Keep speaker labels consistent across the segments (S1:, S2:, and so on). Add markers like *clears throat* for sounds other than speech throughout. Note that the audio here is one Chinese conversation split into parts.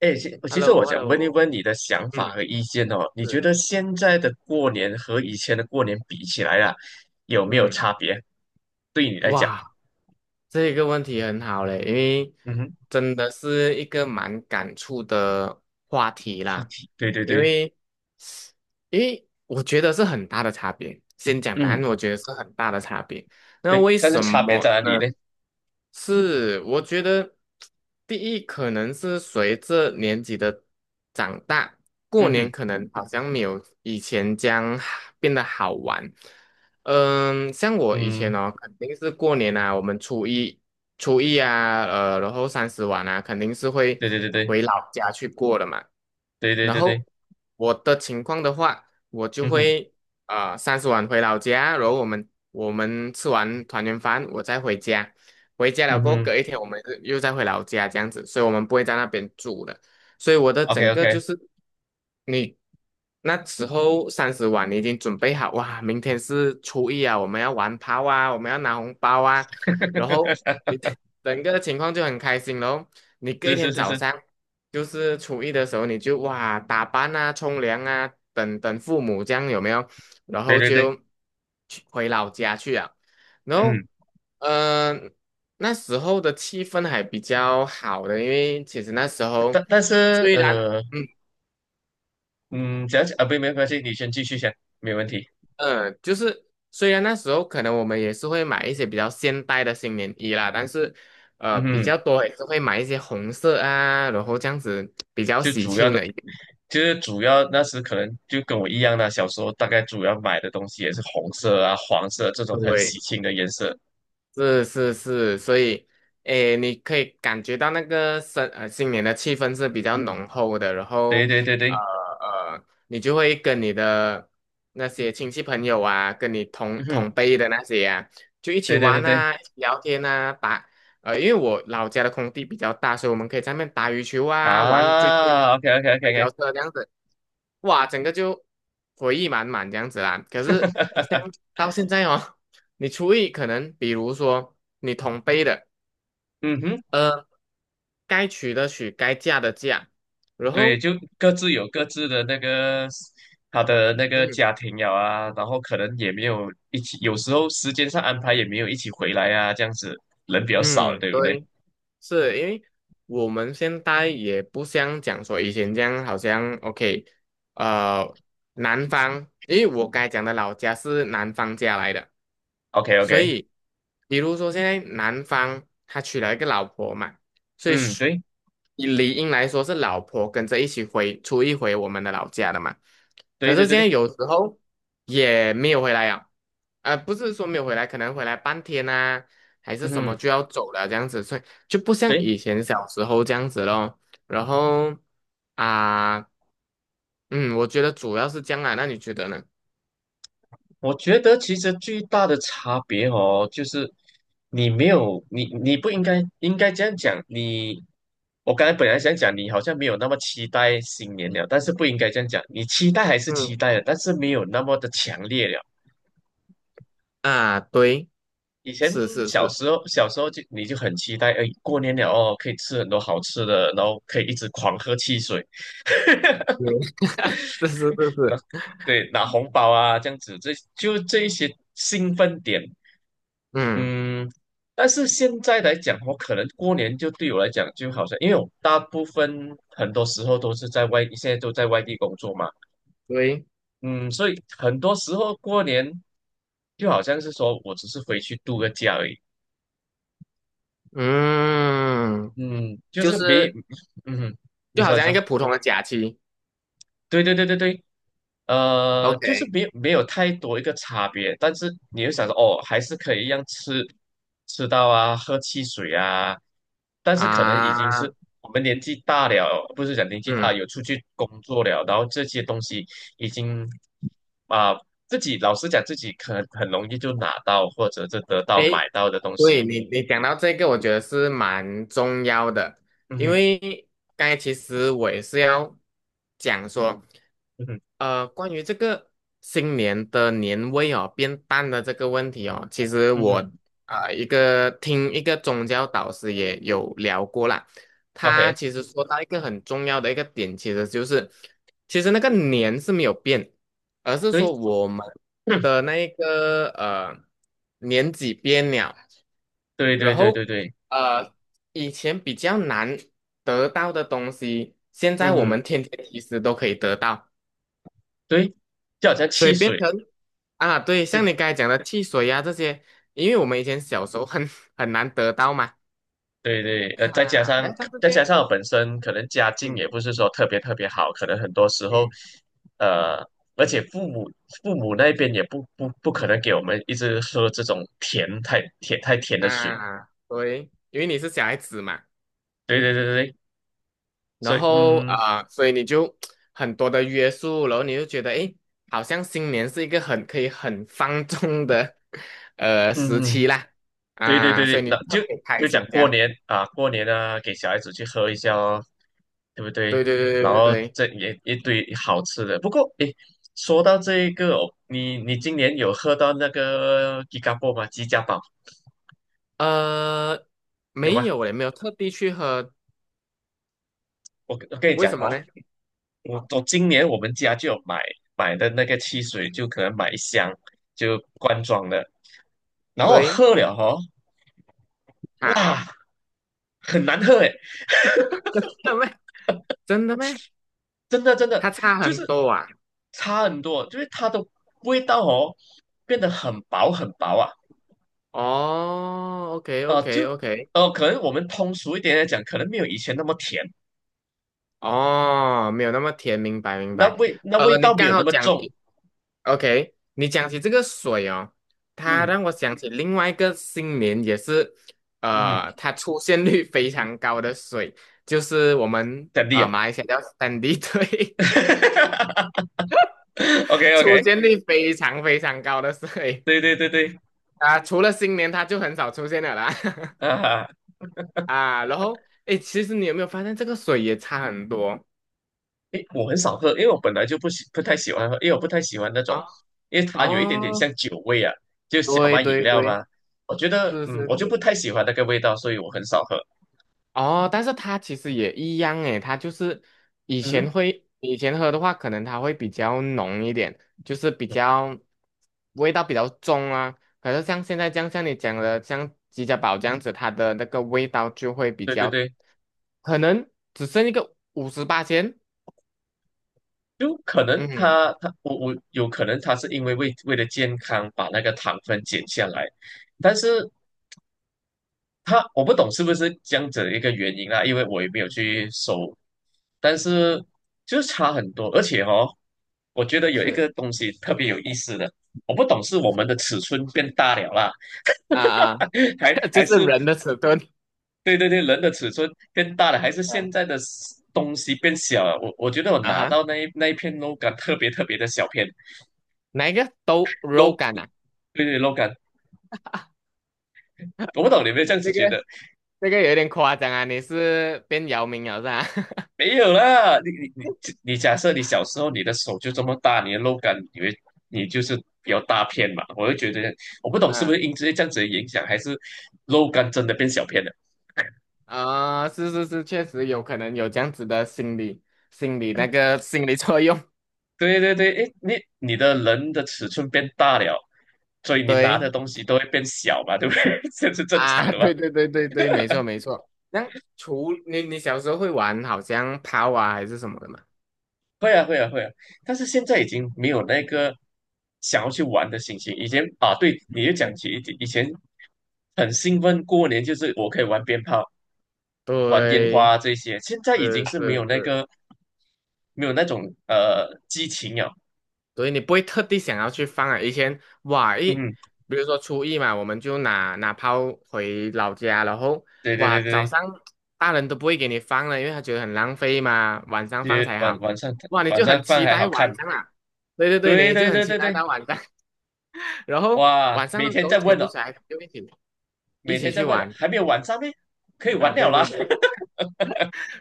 S1: 哎，其实我想问一
S2: Hello,Hello,
S1: 问你的想法
S2: 嗯，
S1: 和意见哦，你觉
S2: 是，
S1: 得现在的过年和以前的过年比起来啊，有没有
S2: 嗯，
S1: 差别？对你来讲。
S2: 哇，这个问题很好嘞。因为
S1: 嗯哼。
S2: 真的是一个蛮感触的话题
S1: 话
S2: 啦。
S1: 题，对对
S2: 因
S1: 对。
S2: 为，因为我觉得是很大的差别。先讲答案，
S1: 嗯。
S2: 我觉得是很大的差别。那
S1: 对，
S2: 为
S1: 但是
S2: 什
S1: 差别在
S2: 么
S1: 哪里
S2: 呢？
S1: 呢？
S2: 是，我觉得第一可能是随着年纪的长大，过
S1: 嗯
S2: 年
S1: 哼。
S2: 可能好像没有以前这样变得好玩。嗯，像我以
S1: 嗯。
S2: 前哦，肯定是过年啊，我们初一啊，然后三十晚啊，肯定是会
S1: 对对对对
S2: 回老家去过的嘛。
S1: 对对
S2: 然
S1: 对对。
S2: 后我的情况的话，我就
S1: 嗯哼。
S2: 会三十晚回老家，然后我们吃完团圆饭，我再回家。回家了
S1: 嗯
S2: 过后，
S1: 哼
S2: 隔一天我们是又再回老家这样子，所以我们不会在那边住了。所以我的
S1: ，OK
S2: 整个
S1: OK。
S2: 就是你那时候三十晚，你已经准备好哇，明天是初一啊，我们要玩炮啊，我们要拿红包啊，然后
S1: *laughs*
S2: 整个情况就很开心咯。你隔一
S1: 是是
S2: 天
S1: 是
S2: 早
S1: 是。
S2: 上，就是初一的时候，你就哇打扮啊、冲凉啊，等等父母这样有没有？然
S1: 对
S2: 后
S1: 对对。
S2: 就去回老家去啊。然后，
S1: 嗯。
S2: 嗯、呃那时候的气氛还比较好的。因为其实那时候
S1: 但但是
S2: 虽然
S1: 呃，
S2: 嗯
S1: 嗯，讲讲啊，不，没关系，你先继续讲，没问题。
S2: 就是虽然那时候可能我们也是会买一些比较现代的新年衣啦，但是
S1: 嗯
S2: 比
S1: 哼。
S2: 较多也是会买一些红色啊，然后这样子比较
S1: 就
S2: 喜
S1: 主要
S2: 庆
S1: 的。
S2: 的一点。
S1: 就是主要那时可能就跟我一样啦，小时候大概主要买的东西也是红色啊、黄色这种很喜
S2: 对，
S1: 庆的颜色。
S2: 是是是，所以，诶，你可以感觉到那个新年的气氛是比较浓厚的。然
S1: 对
S2: 后，
S1: 对对对。
S2: 你就会跟你的那些亲戚朋友啊，跟你
S1: 嗯
S2: 同
S1: 哼。
S2: 同辈的那些啊，就一起
S1: 对对对
S2: 玩
S1: 对。
S2: 啊，一起聊天啊，打，因为我老家的空地比较大，所以我们可以在那边打羽球啊，玩追
S1: 啊，OK OK
S2: 台
S1: OK
S2: 球
S1: OK。
S2: 车这样子。哇，整个就回忆满满这样子啦。可是像到现在哦，*laughs* 你厨艺可能，比如说你同辈的，
S1: 嗯哼。
S2: 呃，该娶的娶，该嫁的嫁。然
S1: 对，
S2: 后，
S1: 就各自有各自的那个他的那个
S2: 嗯
S1: 家庭了啊，然后可能也没有一起，有时候时间上安排也没有一起回来啊，这样子人比较少了，
S2: 嗯，
S1: 对不对
S2: 对。是因为我们现在也不像讲说以前这样，好像 OK，呃，南方，因为我刚才讲的老家是南方家来的。
S1: ？OK
S2: 所
S1: OK。
S2: 以比如说现在南方他娶了一个老婆嘛，所以
S1: 嗯。
S2: 是
S1: 对
S2: 以理应来说是老婆跟着一起回出一回我们的老家的嘛。
S1: 对
S2: 可
S1: 对
S2: 是
S1: 对
S2: 现在
S1: 对。
S2: 有时候也没有回来啊，不是说没有回来，可能回来半天啊，还是
S1: 嗯
S2: 什么就
S1: 哼。
S2: 要走了这样子，所以。就不像
S1: 对。
S2: 以前小时候这样子咯。然后啊，嗯，我觉得主要是这样啊，那你觉得呢？
S1: 我觉得其实最大的差别哦，就是你没有你你不应该应该这样讲，我刚才本来想讲你好像没有那么期待新年了，但是不应该这样讲，你期待还是
S2: 嗯，
S1: 期待的，但是没有那么的强烈了。
S2: 啊，对，
S1: 以前
S2: 是是
S1: 小
S2: 是，
S1: 时候小时候就你就很期待，哎，过年了哦，可以吃很多好吃的，然后可以一直狂喝汽水，
S2: 对，*laughs* 是是是是，
S1: 对，拿红包啊这样子，这一些兴奋点。
S2: 嗯，
S1: 嗯。但是现在来讲，我可能过年就对我来讲，就好像因为我大部分很多时候都是在外，现在都在外地工作嘛。
S2: 对，
S1: 嗯。所以很多时候过年就好像是说我只是回去度个假而已。
S2: 嗯，
S1: 嗯。就
S2: 就
S1: 是没。
S2: 是
S1: 嗯。你
S2: 就好
S1: 说你
S2: 像一
S1: 说。
S2: 个普通的假期
S1: 对对对对对。就是
S2: ，OK，
S1: 没有太多一个差别，但是你又想说，哦，还是可以一样吃到啊，喝汽水啊，但是可能已经是
S2: 啊，
S1: 我们年纪大了，不是讲年纪大，
S2: 嗯，
S1: 有出去工作了，然后这些东西已经啊、自己老实讲，自己可能很容易就拿到或者是得到买
S2: 诶，
S1: 到的东西。
S2: 对你你讲到这个，我觉得是蛮重要的。
S1: 嗯
S2: 因
S1: 哼。
S2: 为刚才其实我也是要讲说。
S1: 嗯哼。
S2: 关于这个新年的年味哦变淡的这个问题哦，其实
S1: 嗯
S2: 我
S1: 哼
S2: 一个一个宗教导师也有聊过啦。他
S1: ，OK。
S2: 其实说到一个很重要的一个点，其实就是其实那个年是没有变，而是
S1: 对。
S2: 说我们
S1: *coughs* *clears throat*
S2: 的那一个年纪变了。
S1: 对对
S2: 然
S1: 对对
S2: 后
S1: 对。
S2: 呃以前比较难得到的东西，现在
S1: 嗯
S2: 我
S1: 哼。
S2: 们天天其实都可以得到。
S1: 对，就好像
S2: 所以
S1: 汽
S2: 变
S1: 水。
S2: 成啊，对，
S1: 这。
S2: 像你刚才讲的汽水呀、这些，因为我们以前小时候很 *laughs* 很难得到嘛。
S1: 对对。再加
S2: 啊，
S1: 上
S2: 来，但是
S1: 再
S2: 这
S1: 加
S2: 样，
S1: 上我本身可能家境也
S2: 嗯
S1: 不是说特别特别好，可能很多时候，
S2: 嗯
S1: 呃，而且父母那边也不可能给我们一直喝这种甜太甜太甜的水。
S2: 啊，对，因为你是小孩子嘛。
S1: 对对对对对。
S2: 然
S1: 所以
S2: 后所以你就很多的约束，然后你就觉得，诶，好像新年是一个很可以很放纵的 *laughs* 时
S1: 嗯
S2: 期啦。
S1: 对对
S2: 啊，
S1: 对
S2: 所以
S1: 对，
S2: 你
S1: 那
S2: 特
S1: 就
S2: 别开
S1: 就
S2: 心
S1: 讲
S2: 这
S1: 过
S2: 样，
S1: 年啊，过年啊，给小孩子去喝一下哦，对不
S2: 对
S1: 对？
S2: 对对对
S1: 然
S2: 对
S1: 后
S2: 对，
S1: 这也一堆好吃的。不过，诶，说到这一个哦，你今年有喝到那个吉嘎波吗？吉家宝
S2: 呃，
S1: 有
S2: 没
S1: 吗？
S2: 有嘞，没有特地去喝。
S1: 我跟你
S2: 为
S1: 讲
S2: 什么
S1: 哦，
S2: 呢？
S1: 我今年我们家就有买的那个汽水，就可能买一箱就罐装的，然后我
S2: 对。
S1: 喝了哦。
S2: 啊，
S1: 哇，很难喝。
S2: 真的咩？真的咩？
S1: 真的真的
S2: 它差
S1: 就
S2: 很
S1: 是
S2: 多啊。
S1: 差很多，就是它的味道哦变得很薄很薄啊。
S2: 哦，OK
S1: 呃
S2: OK
S1: 就
S2: OK，
S1: 呃可能我们通俗一点来讲，可能没有以前那么甜，
S2: 哦，没有那么甜，明白明白。
S1: 那味
S2: 你
S1: 道没
S2: 刚
S1: 有那
S2: 好
S1: 么
S2: 讲
S1: 重。
S2: 起，OK，你讲起这个水哦，它
S1: 嗯
S2: 让我想起另外一个新年也是，
S1: 嗯哼。
S2: 它出现率非常高的水，就是我们
S1: 真的呀。
S2: 马来西亚叫3D水。
S1: *laughs*，OK
S2: *laughs*
S1: OK。
S2: 出现率非常非常高的水。
S1: 对对对对
S2: 除了新年它就很少出现了啦。*laughs*
S1: 啊。
S2: 啊，然后哎，诶其实你有没有发现这个水也差很多
S1: 诶，我很少喝，因为我本来就不太喜欢喝，因为我不太喜欢那种，
S2: 啊？
S1: 因为它有一点点
S2: 哦，
S1: 像酒味啊，就小
S2: 对
S1: 麦饮
S2: 对
S1: 料嘛，
S2: 对，
S1: 我觉得
S2: 是是
S1: 我就不
S2: 是，
S1: 太喜欢那个味道，所以我很少喝。
S2: 哦，但是它其实也一样诶。它就是以
S1: 嗯哼。
S2: 前会以前喝的话，可能它会比较浓一点，就是比较味道比较重啊。可是像现在这样，像你讲的，像吉家宝这样子，它的那个味道就会比
S1: 对对
S2: 较，
S1: 对，
S2: 可能只剩一个58000。
S1: 就可能
S2: 嗯，
S1: 他他我我有可能是因为为了健康把那个糖分减下来，但是我不懂是不是这样子的一个原因啊，因为我也没有去搜，但是就是差很多，而且哦，我觉得有一
S2: 是
S1: 个东西特别有意思的。我不懂是我们的尺寸变大了啦。
S2: 啊啊，
S1: *laughs* 还
S2: *laughs* 就
S1: 还
S2: 是
S1: 是
S2: 人的尺寸，
S1: 对对对，人的尺寸变大
S2: *laughs*
S1: 了，还是
S2: 嗯
S1: 现在的东西变小了，我觉得我
S2: 啊
S1: 拿
S2: 哈。
S1: 到那一片肉干特别特别的小片。
S2: 哪一个都肉
S1: l
S2: 感啊？
S1: 对对 l o 感。我不懂你有没有这样子
S2: 这个
S1: 觉得？
S2: 这个有点夸张啊！你是变姚明了是吧？*laughs*
S1: 没有啦，你假设你小时候你的手就这么大，你的肉感，你就是比较大片嘛？我就觉得我不懂是不是
S2: 嗯
S1: 因为这样子的影响，还是肉感真的变小片了？
S2: 是是是，确实有可能有这样子的心理心理作用。*laughs*
S1: 对对对，诶，你的人的尺寸变大了，所以你拿
S2: 对
S1: 的东西都会变小嘛，对不对？*laughs* 这是正常
S2: 啊，*laughs*
S1: 的嘛。
S2: 对对对对对，没错没错。那除你你小时候会玩好像抛啊还是什么的嘛？
S1: 会啊，会啊，会啊，但是现在已经没有那个想要去玩的心情。以前啊，对，你就
S2: 嗯，
S1: 讲起以前很兴奋，过年就是我可以玩鞭炮、玩烟
S2: 对，
S1: 花这些，现在已
S2: 是
S1: 经是没有
S2: 是
S1: 那
S2: 是。
S1: 个没有那种激情了。
S2: 所以你不会特地想要去放啊。以前哇一，
S1: 嗯。
S2: 比如说初一嘛，我们就拿炮回老家，然后
S1: 对对
S2: 哇
S1: 对对
S2: 早
S1: 对。
S2: 上大人都不会给你放了，因为他觉得很浪费嘛，晚上
S1: 就
S2: 放
S1: 是
S2: 才
S1: 晚
S2: 好。
S1: 晚上
S2: 哇，你
S1: 晚
S2: 就
S1: 上
S2: 很
S1: 饭
S2: 期
S1: 还
S2: 待
S1: 好
S2: 晚
S1: 看。
S2: 上啊，对对对，
S1: 对
S2: 你就
S1: 对
S2: 很
S1: 对
S2: 期
S1: 对
S2: 待
S1: 对。
S2: 到晚上，*laughs* 然后
S1: 哇，
S2: 晚上
S1: 每
S2: 的时
S1: 天
S2: 候
S1: 在
S2: 全
S1: 问
S2: 部
S1: 哦，
S2: 小孩子就一
S1: 每
S2: 起
S1: 天在
S2: 去
S1: 问了，
S2: 玩
S1: 还没有晚上呢，可以
S2: 啊，
S1: 玩了
S2: 对对
S1: 啦。
S2: 对。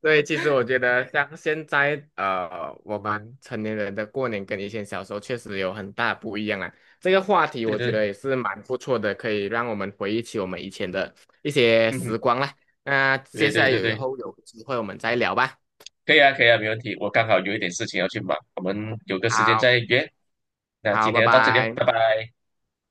S2: 对，其实我觉得像现在我们成年人的过年跟以前小时候确实有很大不一样啊。这个话
S1: *laughs*
S2: 题
S1: 对
S2: 我觉
S1: 对。
S2: 得也是蛮不错的，可以让我们回忆起我们以前的一些时
S1: 嗯。
S2: 光啦。那接
S1: 对
S2: 下
S1: 对
S2: 来
S1: 对
S2: 有以
S1: 对。
S2: 后有机会我们再聊吧。
S1: 可以啊，可以啊，没问题。我刚好有一点事情要去忙，我们有个时间
S2: 好，
S1: 再约。那
S2: 好，
S1: 今
S2: 拜
S1: 天就到这里了，
S2: 拜。
S1: 拜拜。